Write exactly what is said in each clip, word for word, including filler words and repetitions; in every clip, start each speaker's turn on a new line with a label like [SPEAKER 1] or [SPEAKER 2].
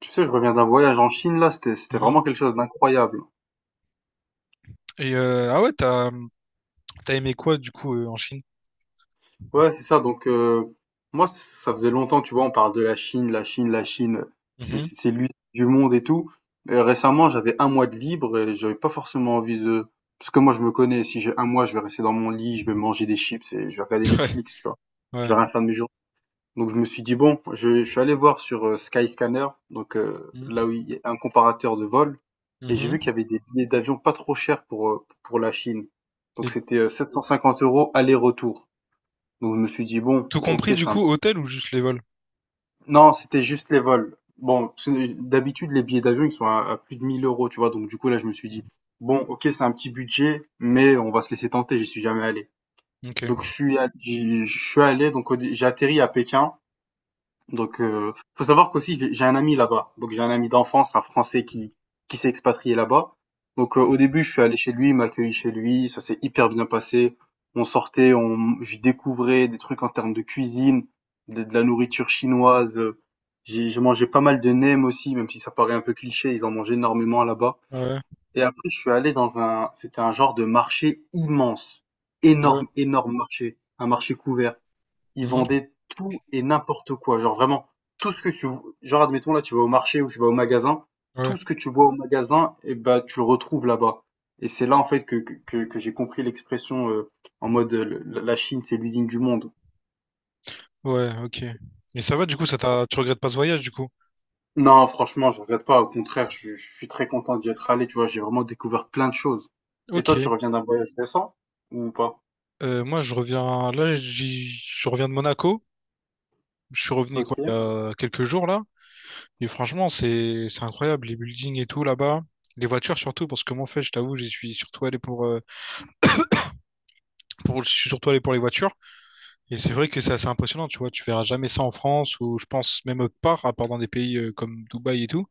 [SPEAKER 1] Tu sais, je reviens d'un voyage en Chine, là, c'était, c'était
[SPEAKER 2] Mhm.
[SPEAKER 1] vraiment quelque chose d'incroyable.
[SPEAKER 2] Et euh, ah ouais, t'as t'as aimé quoi du coup euh, en Chine?
[SPEAKER 1] Ouais, c'est ça, donc euh, moi, c- ça faisait longtemps, tu vois, on parle de la Chine, la Chine, la Chine, c'est
[SPEAKER 2] Mhm.
[SPEAKER 1] c'est- c'est l'usine du monde et tout. Euh, récemment, j'avais un mois de libre et j'avais pas forcément envie de... Parce que moi, je me connais, si j'ai un mois, je vais rester dans mon lit, je vais manger des chips et je vais regarder Netflix, tu vois.
[SPEAKER 2] Ouais, ouais.
[SPEAKER 1] Je vais rien faire de mes journées. Donc je me suis dit, bon, je, je suis allé voir sur euh, Skyscanner, donc euh,
[SPEAKER 2] Mhm.
[SPEAKER 1] là où il y a un comparateur de vol, et j'ai
[SPEAKER 2] Mhm.
[SPEAKER 1] vu qu'il y avait des billets d'avion pas trop chers pour, euh, pour la Chine.
[SPEAKER 2] Et
[SPEAKER 1] Donc c'était euh, sept cent cinquante euros aller-retour. Donc je me suis dit, bon,
[SPEAKER 2] tout
[SPEAKER 1] ok,
[SPEAKER 2] compris du
[SPEAKER 1] c'est un...
[SPEAKER 2] coup, hôtel ou juste les vols?
[SPEAKER 1] Non, c'était juste les vols. Bon, c'est- d'habitude, les billets d'avion, ils sont à, à plus de mille euros, tu vois. Donc du coup, là, je me suis dit, bon, ok, c'est un petit budget, mais on va se laisser tenter, j'y suis jamais allé.
[SPEAKER 2] Ok.
[SPEAKER 1] Donc je suis, allé- j'y- je suis allé, donc au dé- j'ai atterri à Pékin. Donc, euh, faut savoir qu'aussi j'ai j'ai un ami là-bas. Donc j'ai un ami d'enfance, un Français qui qui s'est expatrié là-bas. Donc euh, au
[SPEAKER 2] Mhm.
[SPEAKER 1] début, je suis allé chez lui, il m'a accueilli chez lui, ça s'est hyper bien passé. On sortait, on, j'y découvrais des trucs en termes de cuisine, de, de la nourriture chinoise. euh, J'ai j'ai mangé pas mal de nems aussi, même si ça paraît un peu cliché, ils en mangent énormément là-bas.
[SPEAKER 2] Ouais,
[SPEAKER 1] Et après, je suis allé dans un, c'était un genre de marché immense,
[SPEAKER 2] ouais,
[SPEAKER 1] énorme, énorme marché, un marché couvert, ils
[SPEAKER 2] Mhm.
[SPEAKER 1] vendaient tout et n'importe quoi. Genre vraiment, tout ce que tu, genre admettons là, tu vas au marché ou tu vas au magasin,
[SPEAKER 2] Ouais,
[SPEAKER 1] tout ce que tu vois au magasin, et bah tu le retrouves là-bas. Et c'est là en fait que, que, que- que j'ai compris l'expression euh, en mode euh, le- la Chine c'est l'usine du monde.
[SPEAKER 2] ouais, ok. Et ça va du coup, ça t'a, tu regrettes pas ce voyage du coup?
[SPEAKER 1] Non, franchement, je regrette pas. Au contraire, je, je suis très content d'y être allé. Tu vois, j'ai vraiment découvert plein de choses. Et toi,
[SPEAKER 2] Ok.
[SPEAKER 1] tu reviens d'un voyage récent ou pas?
[SPEAKER 2] Euh, moi, je reviens là, j'y- je reviens de Monaco. Je suis revenu quoi, il y
[SPEAKER 1] Ok.
[SPEAKER 2] a quelques jours là. Et franchement, c'est c'est incroyable les buildings et tout là-bas, les voitures surtout parce que moi, en fait, je t'avoue, j'y suis surtout allé pour euh, pour je suis surtout allé pour les voitures. Et c'est vrai que c'est assez impressionnant, tu vois, tu verras jamais ça en France ou je pense même autre part, à part dans des pays euh, comme Dubaï et tout.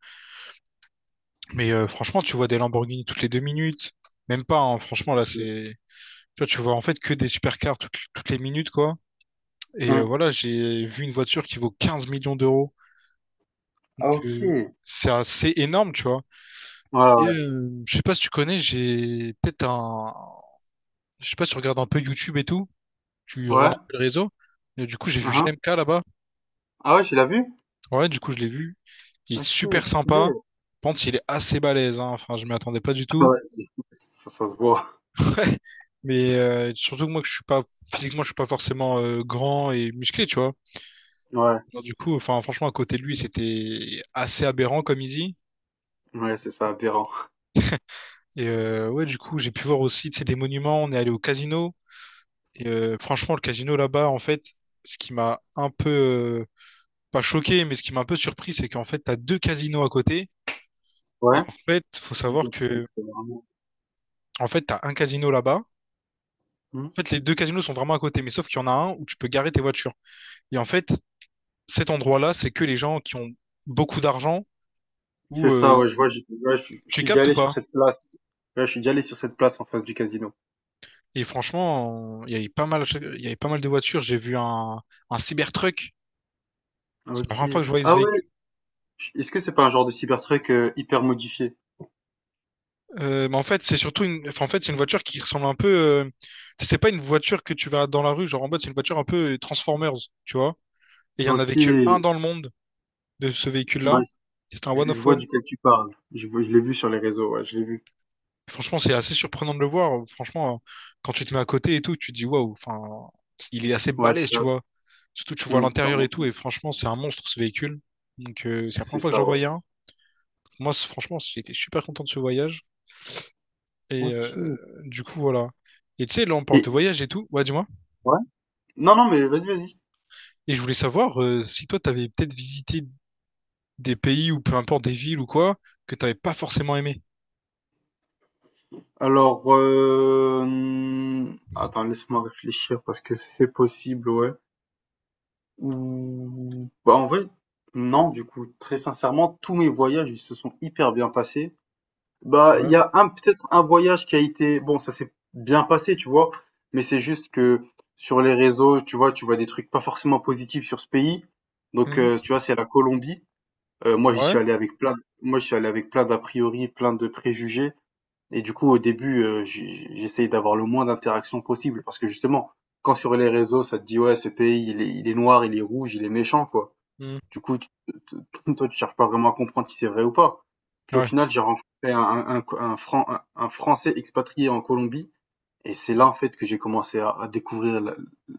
[SPEAKER 2] Mais euh, franchement, tu vois des Lamborghini toutes les deux minutes, même pas, hein, franchement, là, c'est. Tu vois, tu vois en fait que des supercars toutes, toutes les minutes, quoi. Et euh,
[SPEAKER 1] Hmm.
[SPEAKER 2] voilà, j'ai vu une voiture qui vaut quinze millions d'euros millions d'euros. Donc,
[SPEAKER 1] Ah, ok.
[SPEAKER 2] euh,
[SPEAKER 1] Ouais,
[SPEAKER 2] c'est assez énorme, tu vois. Et
[SPEAKER 1] ouais.
[SPEAKER 2] euh, je sais pas si tu connais, j'ai peut-être un. Je sais pas si tu regardes un peu YouTube et tout, tu regardes
[SPEAKER 1] Ouais.
[SPEAKER 2] un peu le réseau. Et du coup, j'ai vu G
[SPEAKER 1] Uhum.
[SPEAKER 2] M K là-bas.
[SPEAKER 1] Ah ouais, tu l'as vu?
[SPEAKER 2] Ouais, du coup, je l'ai vu. Il est
[SPEAKER 1] Ok,
[SPEAKER 2] super
[SPEAKER 1] stylé.
[SPEAKER 2] sympa. je pense qu'il est assez balèze, hein. Enfin, je m'y attendais pas du tout.
[SPEAKER 1] Ouais, c'est- ça, ça se voit.
[SPEAKER 2] Mais euh, surtout que moi, que je suis pas physiquement, je suis pas forcément euh, grand et musclé, tu vois.
[SPEAKER 1] Ouais,
[SPEAKER 2] Alors, du coup, enfin, franchement, à côté de lui, c'était assez aberrant comme il dit.
[SPEAKER 1] ouais, c'est ça, aberrant.
[SPEAKER 2] Et euh, ouais, du coup, j'ai pu voir aussi, tu sais, des monuments. On est allé au casino. Et euh, franchement, le casino là-bas, en fait, ce qui m'a un peu euh, pas choqué, mais ce qui m'a un peu surpris, c'est qu'en fait, t'as deux casinos à côté. Et
[SPEAKER 1] Ouais,
[SPEAKER 2] en fait, faut savoir
[SPEAKER 1] donc donc
[SPEAKER 2] que,
[SPEAKER 1] c'est vraiment.
[SPEAKER 2] en fait, t'as un casino là-bas.
[SPEAKER 1] Hmm.
[SPEAKER 2] En fait, les deux casinos sont vraiment à côté, mais sauf qu'il y en a un où tu peux garer tes voitures. Et en fait, cet endroit-là, c'est que les gens qui ont beaucoup d'argent ou
[SPEAKER 1] C'est ça,
[SPEAKER 2] euh,
[SPEAKER 1] ouais, je vois, je, ouais, je, je
[SPEAKER 2] tu
[SPEAKER 1] suis déjà
[SPEAKER 2] captes ou
[SPEAKER 1] allé sur
[SPEAKER 2] pas?
[SPEAKER 1] cette place. Ouais, je suis déjà allé sur cette place en face du casino.
[SPEAKER 2] Et franchement, il y avait pas mal, il y avait pas mal de voitures. J'ai vu un, un Cybertruck. C'est la
[SPEAKER 1] Ok.
[SPEAKER 2] première fois que je voyais ce
[SPEAKER 1] Ah ouais,
[SPEAKER 2] véhicule.
[SPEAKER 1] je- est-ce que c'est pas un genre de Cybertruck euh, hyper modifié?
[SPEAKER 2] Euh, mais en fait, c'est surtout une, enfin, en fait, c'est une voiture qui ressemble un peu. euh, C'est pas une voiture que tu vas dans la rue, genre en mode, c'est une voiture un peu Transformers, tu vois. Et il y en
[SPEAKER 1] Ok,
[SPEAKER 2] avait que un dans le monde de ce
[SPEAKER 1] bah,
[SPEAKER 2] véhicule-là. C'était un
[SPEAKER 1] je,
[SPEAKER 2] one
[SPEAKER 1] je
[SPEAKER 2] of
[SPEAKER 1] vois
[SPEAKER 2] one.
[SPEAKER 1] duquel tu parles. Je, vois- je l'ai vu sur les réseaux, ouais, je l'ai vu.
[SPEAKER 2] Franchement, c'est assez surprenant de le voir. Franchement, euh, quand tu te mets à côté et tout, tu te dis waouh, enfin, il est assez
[SPEAKER 1] Ouais, c'est
[SPEAKER 2] balèze,
[SPEAKER 1] ça.
[SPEAKER 2] tu vois. Surtout, tu vois
[SPEAKER 1] Hmm, c'est
[SPEAKER 2] l'intérieur
[SPEAKER 1] vraiment-
[SPEAKER 2] et tout,
[SPEAKER 1] cool.
[SPEAKER 2] et franchement, c'est un monstre ce véhicule. Donc, euh, c'est la
[SPEAKER 1] C'est
[SPEAKER 2] première fois que
[SPEAKER 1] ça,
[SPEAKER 2] j'en
[SPEAKER 1] ouais.
[SPEAKER 2] voyais un. Moi, c'est- franchement, j'étais super content de ce voyage. Et
[SPEAKER 1] Ok.
[SPEAKER 2] euh, du coup, voilà. Et tu sais, là, on parle
[SPEAKER 1] Et,
[SPEAKER 2] de voyage et tout. Ouais, dis-moi.
[SPEAKER 1] ouais? Non, non, mais vas-y, vas-y.
[SPEAKER 2] Et je voulais savoir euh, si toi, t'avais peut-être visité des pays ou peu importe des villes ou quoi, que t'avais pas forcément aimé.
[SPEAKER 1] Alors, heu, attends, laisse-moi réfléchir parce que c'est possible, ouais. Ou, bah, en vrai, non, du coup, très sincèrement, tous mes voyages, ils se sont hyper bien passés. Bah, il
[SPEAKER 2] Ouais.
[SPEAKER 1] y a un peut-être un voyage qui a été bon, ça s'est bien passé, tu vois? Mais c'est juste que sur les réseaux, tu vois, tu vois des trucs pas forcément positifs sur ce pays. Donc,
[SPEAKER 2] Mhm.
[SPEAKER 1] heu, tu vois, c'est la Colombie. Heu, moi, j'y
[SPEAKER 2] Ouais.
[SPEAKER 1] suis allé avec plein moi, j'y suis allé avec plein d'a priori, plein de préjugés. Et du coup, au début, heu, j'ai j'essayais d'avoir le moins d'interactions possible parce que justement, quand sur les réseaux, ça te dit: «Ouais, ce pays, il est il est noir, il est rouge, il est méchant», quoi.
[SPEAKER 2] Mhm.
[SPEAKER 1] Du coup, tu te toi, tu cherches pas vraiment à comprendre si c'est vrai ou pas. Puis au
[SPEAKER 2] Ouais.
[SPEAKER 1] final, j'ai rencontré un un un un Fran un un Français expatrié en Colombie et c'est là, en fait, que j'ai commencé à, à découvrir la,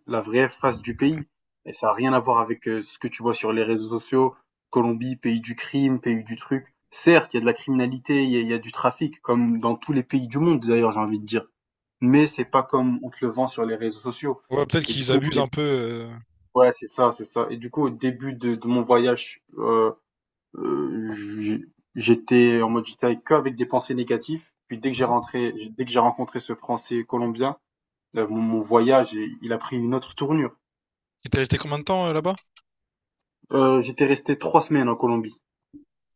[SPEAKER 1] la vraie face du pays. Et ça n'a rien à voir avec euh, ce que tu vois sur les réseaux sociaux. Colombie, pays du crime, pays du truc. Certes, il y a de la criminalité, il y a, il y a du trafic, comme dans tous les pays du monde, d'ailleurs, j'ai envie de dire. Mais c'est pas comme on te le vend sur les réseaux sociaux.
[SPEAKER 2] Ouais, peut-être
[SPEAKER 1] Et du
[SPEAKER 2] qu'ils
[SPEAKER 1] coup, au
[SPEAKER 2] abusent
[SPEAKER 1] dé-
[SPEAKER 2] un peu. euh,
[SPEAKER 1] ouais, c'est ça, c'est ça. Et du coup, au début de, de mon voyage, euh, euh, j- j'étais en mode, j'étais avec- que avec des pensées négatives. Puis dès que j'ai
[SPEAKER 2] mmh.
[SPEAKER 1] rentré, Dès que j'ai rencontré ce Français colombien, euh, mon, mon voyage, il il a pris une autre tournure.
[SPEAKER 2] Il t'est resté combien de temps euh, là-bas?
[SPEAKER 1] Euh, j'étais resté trois semaines en Colombie.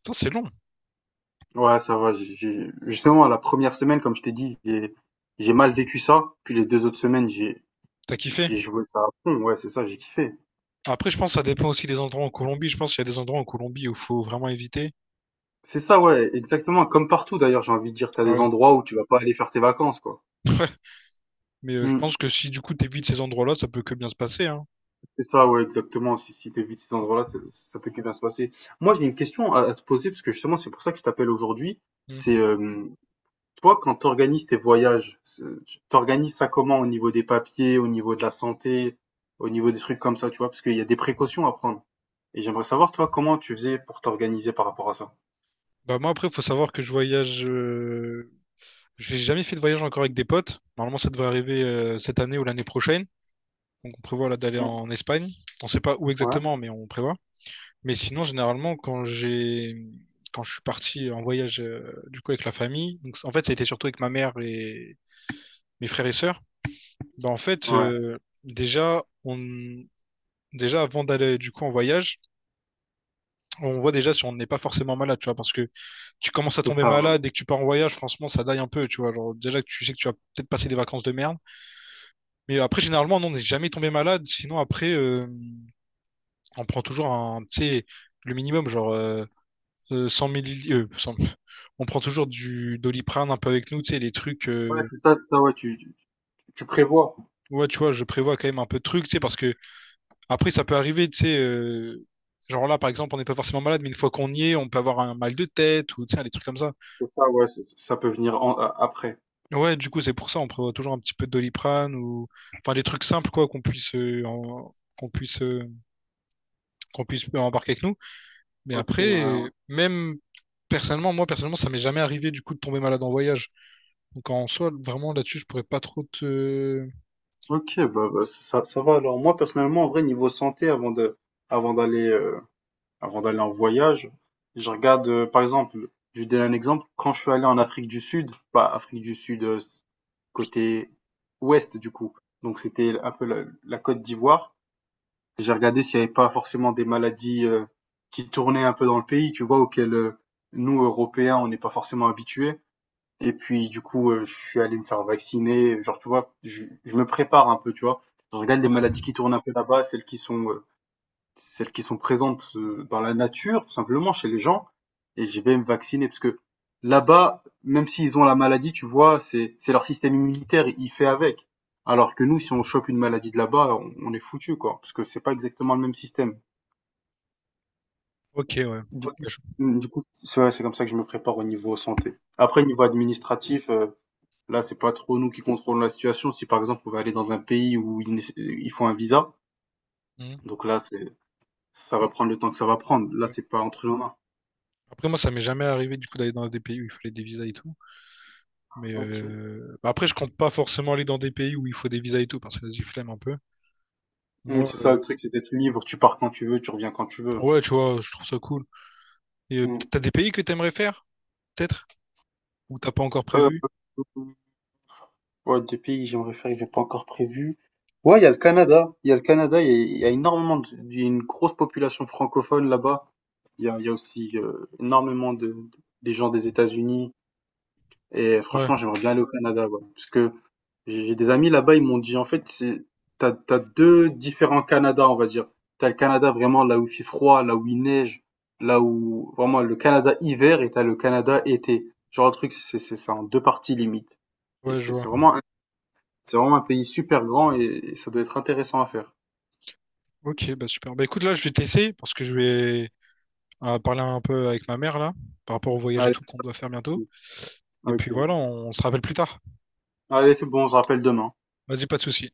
[SPEAKER 2] Putain, c'est long.
[SPEAKER 1] Ouais, ça va. j'ai- j'ai- Justement, la première semaine, comme je t'ai dit, j'ai j'ai mal vécu ça. Puis les deux autres semaines, j'ai
[SPEAKER 2] T'as kiffé?
[SPEAKER 1] j'ai joué ça à fond. Ouais, c'est ça, j'ai kiffé.
[SPEAKER 2] Après, je pense que ça dépend aussi des endroits en Colombie. Je pense qu'il y a des endroits en Colombie où il faut vraiment éviter.
[SPEAKER 1] C'est ça, ouais, exactement. Comme partout, d'ailleurs, j'ai envie de dire, t'as
[SPEAKER 2] Ah
[SPEAKER 1] des
[SPEAKER 2] Ouais.
[SPEAKER 1] endroits où tu vas pas aller faire tes vacances, quoi.
[SPEAKER 2] Mais euh, je
[SPEAKER 1] Hmm,
[SPEAKER 2] pense que si du coup t'évites ces endroits-là, ça peut que bien se passer, hein.
[SPEAKER 1] c'est ça, ouais, exactement. Si, si t'évites ces endroits-là, ça, ça peut que bien se passer. Moi, j'ai une question à, à te poser, parce que justement, c'est pour ça que je t'appelle aujourd'hui. C'est
[SPEAKER 2] Mm.
[SPEAKER 1] euh, Toi, quand tu organises tes voyages, c'est- tu organises ça comment au niveau des papiers, au niveau de la santé, au niveau des trucs comme ça, tu vois, parce qu'il y a des précautions à prendre. Et j'aimerais savoir, toi, comment tu faisais pour t'organiser par rapport à ça.
[SPEAKER 2] Bah moi après, faut savoir que je voyage. euh, J'ai jamais fait de voyage encore avec des potes. Normalement, ça devrait arriver euh, cette année ou l'année prochaine. Donc on prévoit là d'aller
[SPEAKER 1] Mm.
[SPEAKER 2] en Espagne. On sait pas où
[SPEAKER 1] Ouais,
[SPEAKER 2] exactement, mais on prévoit. Mais sinon, généralement, quand j'ai quand je suis parti en voyage euh, du coup avec la famille, donc en fait, ça a été surtout avec ma mère et, mes frères et sœurs, bah en fait,
[SPEAKER 1] ouais,
[SPEAKER 2] euh, déjà, on, déjà avant d'aller du coup en voyage, on voit déjà si on n'est pas forcément malade, tu vois, parce que tu commences à
[SPEAKER 1] c'est
[SPEAKER 2] tomber
[SPEAKER 1] ça. Ouais,
[SPEAKER 2] malade dès que tu pars en voyage, franchement, ça daille un peu, tu vois. Genre, déjà que tu sais que tu vas peut-être passer des vacances de merde. Mais après, généralement, non, on n'est jamais tombé malade, sinon après, euh, on prend toujours un, tu sais, le minimum, genre euh, euh, cent milli- euh, cent on prend toujours du Doliprane un peu avec nous, tu sais, les trucs.
[SPEAKER 1] ouais,
[SPEAKER 2] euh,
[SPEAKER 1] c'est ça, c'est ça, ouais, tu, tu tu prévois.
[SPEAKER 2] Ouais, tu vois, je prévois quand même un peu de trucs, tu sais, parce que Après, ça peut arriver, tu sais, euh, genre là, par exemple, on n'est pas forcément malade, mais une fois qu'on y est, on peut avoir un mal de tête ou, tu sais, des trucs comme ça.
[SPEAKER 1] C'est ça, ouais, c'est- c'est- ça peut venir en- a- après.
[SPEAKER 2] Ouais, du coup, c'est pour ça, on prévoit toujours un petit peu de Doliprane ou, enfin, des trucs simples, quoi, qu'on puisse, euh, en- qu'on puisse, euh, qu'on puisse embarquer avec nous. Mais
[SPEAKER 1] Ok,
[SPEAKER 2] après,
[SPEAKER 1] ouais.
[SPEAKER 2] euh, même personnellement, moi, personnellement, ça m'est jamais arrivé, du coup, de tomber malade en voyage. Donc, en soi, vraiment, là-dessus, je pourrais pas trop te.
[SPEAKER 1] Ok, bah, bah, ça, ça va. Alors, moi, personnellement, en vrai, niveau santé, avant de, avant d'aller, euh, avant d'aller en voyage. Je regarde, euh, par exemple, je vais donner un exemple. Quand je suis allé en Afrique du Sud, pas Afrique du Sud, euh, s- côté ouest du coup, donc c'était un peu la, la Côte d'Ivoire, j'ai regardé s'il n'y avait pas forcément des maladies euh, qui tournaient un peu dans le pays, tu vois, auxquelles euh, nous, Européens, on n'est pas forcément habitués. Et puis, du coup, euh, je suis allé me faire vacciner. Genre, tu vois, je, je me prépare un peu, tu vois. Je regarde les
[SPEAKER 2] Ouais.
[SPEAKER 1] maladies qui tournent un peu là-bas, celles qui sont euh, celles qui sont présentes euh, dans la nature, tout simplement, chez les gens, et je vais me vacciner parce que là-bas, même s'ils ont la maladie, tu vois, c'est c'est leur système immunitaire, il fait avec. Alors que nous, si on chope une maladie de là-bas, on, on est foutu, quoi, parce que c'est pas exactement le même système.
[SPEAKER 2] Ok, ouais.
[SPEAKER 1] Du coup,
[SPEAKER 2] Ouais, je-
[SPEAKER 1] du coup, c'est ouais, c'est comme ça que je me prépare au niveau santé. Après, niveau administratif, euh, là, c'est pas trop nous qui contrôlons la situation. Si par exemple, on va aller dans un pays où ils, nécess- ils font un visa,
[SPEAKER 2] Mhm,
[SPEAKER 1] donc là, c'est ça va prendre le temps que ça va prendre. Là,
[SPEAKER 2] ouais.
[SPEAKER 1] c'est pas entre nos mains.
[SPEAKER 2] Après, moi, ça m'est jamais arrivé, du coup, d'aller dans des pays où il fallait des visas et tout. Mais
[SPEAKER 1] Ok.
[SPEAKER 2] euh, bah après, je compte pas forcément aller dans des pays où il faut des visas et tout, parce que j'ai y flemme un peu.
[SPEAKER 1] Mmh,
[SPEAKER 2] Moi,
[SPEAKER 1] c'est ça
[SPEAKER 2] euh,
[SPEAKER 1] le truc, c'est d'être libre. Tu pars quand tu veux, tu reviens quand tu veux.
[SPEAKER 2] ouais, tu vois, je trouve ça cool. Et euh, peut-être
[SPEAKER 1] Mmh.
[SPEAKER 2] t'as des pays que t'aimerais faire, peut-être? Ou t'as pas encore
[SPEAKER 1] Euh,
[SPEAKER 2] prévu?
[SPEAKER 1] ouais, des pays que j'aimerais faire, que j'ai pas encore prévu. Ouais, il y a le Canada. Il y a le Canada, il y a, il y a énormément de, il y a une grosse population francophone là-bas. Il y a, il y a aussi euh, énormément de, des gens des États-Unis. Et
[SPEAKER 2] Ouais,
[SPEAKER 1] franchement, j'aimerais bien aller au Canada, ouais, parce que J'ai j'ai des amis là-bas, ils m'ont dit, en fait, c'est, t'as, t'as deux différents Canada, on va dire. T'as le Canada vraiment là où il fait froid, là où il neige, là où vraiment le Canada hiver et t'as le Canada été. Genre le truc, c'est, c'est, c'est en deux parties limite. Et
[SPEAKER 2] ouais, je
[SPEAKER 1] c'est,
[SPEAKER 2] vois.
[SPEAKER 1] c'est vraiment, un- c'est vraiment un pays super grand et, et ça doit être intéressant à faire.
[SPEAKER 2] Ok, bah super. Bah écoute, là, je vais t'essayer, parce que je vais euh, parler un peu avec ma mère, là, par rapport au voyage et
[SPEAKER 1] Allez,
[SPEAKER 2] tout qu'on doit faire bientôt. Et puis
[SPEAKER 1] ok.
[SPEAKER 2] voilà, on se rappelle plus tard.
[SPEAKER 1] Allez, c'est bon, on se rappelle demain.
[SPEAKER 2] Vas-y, pas de souci.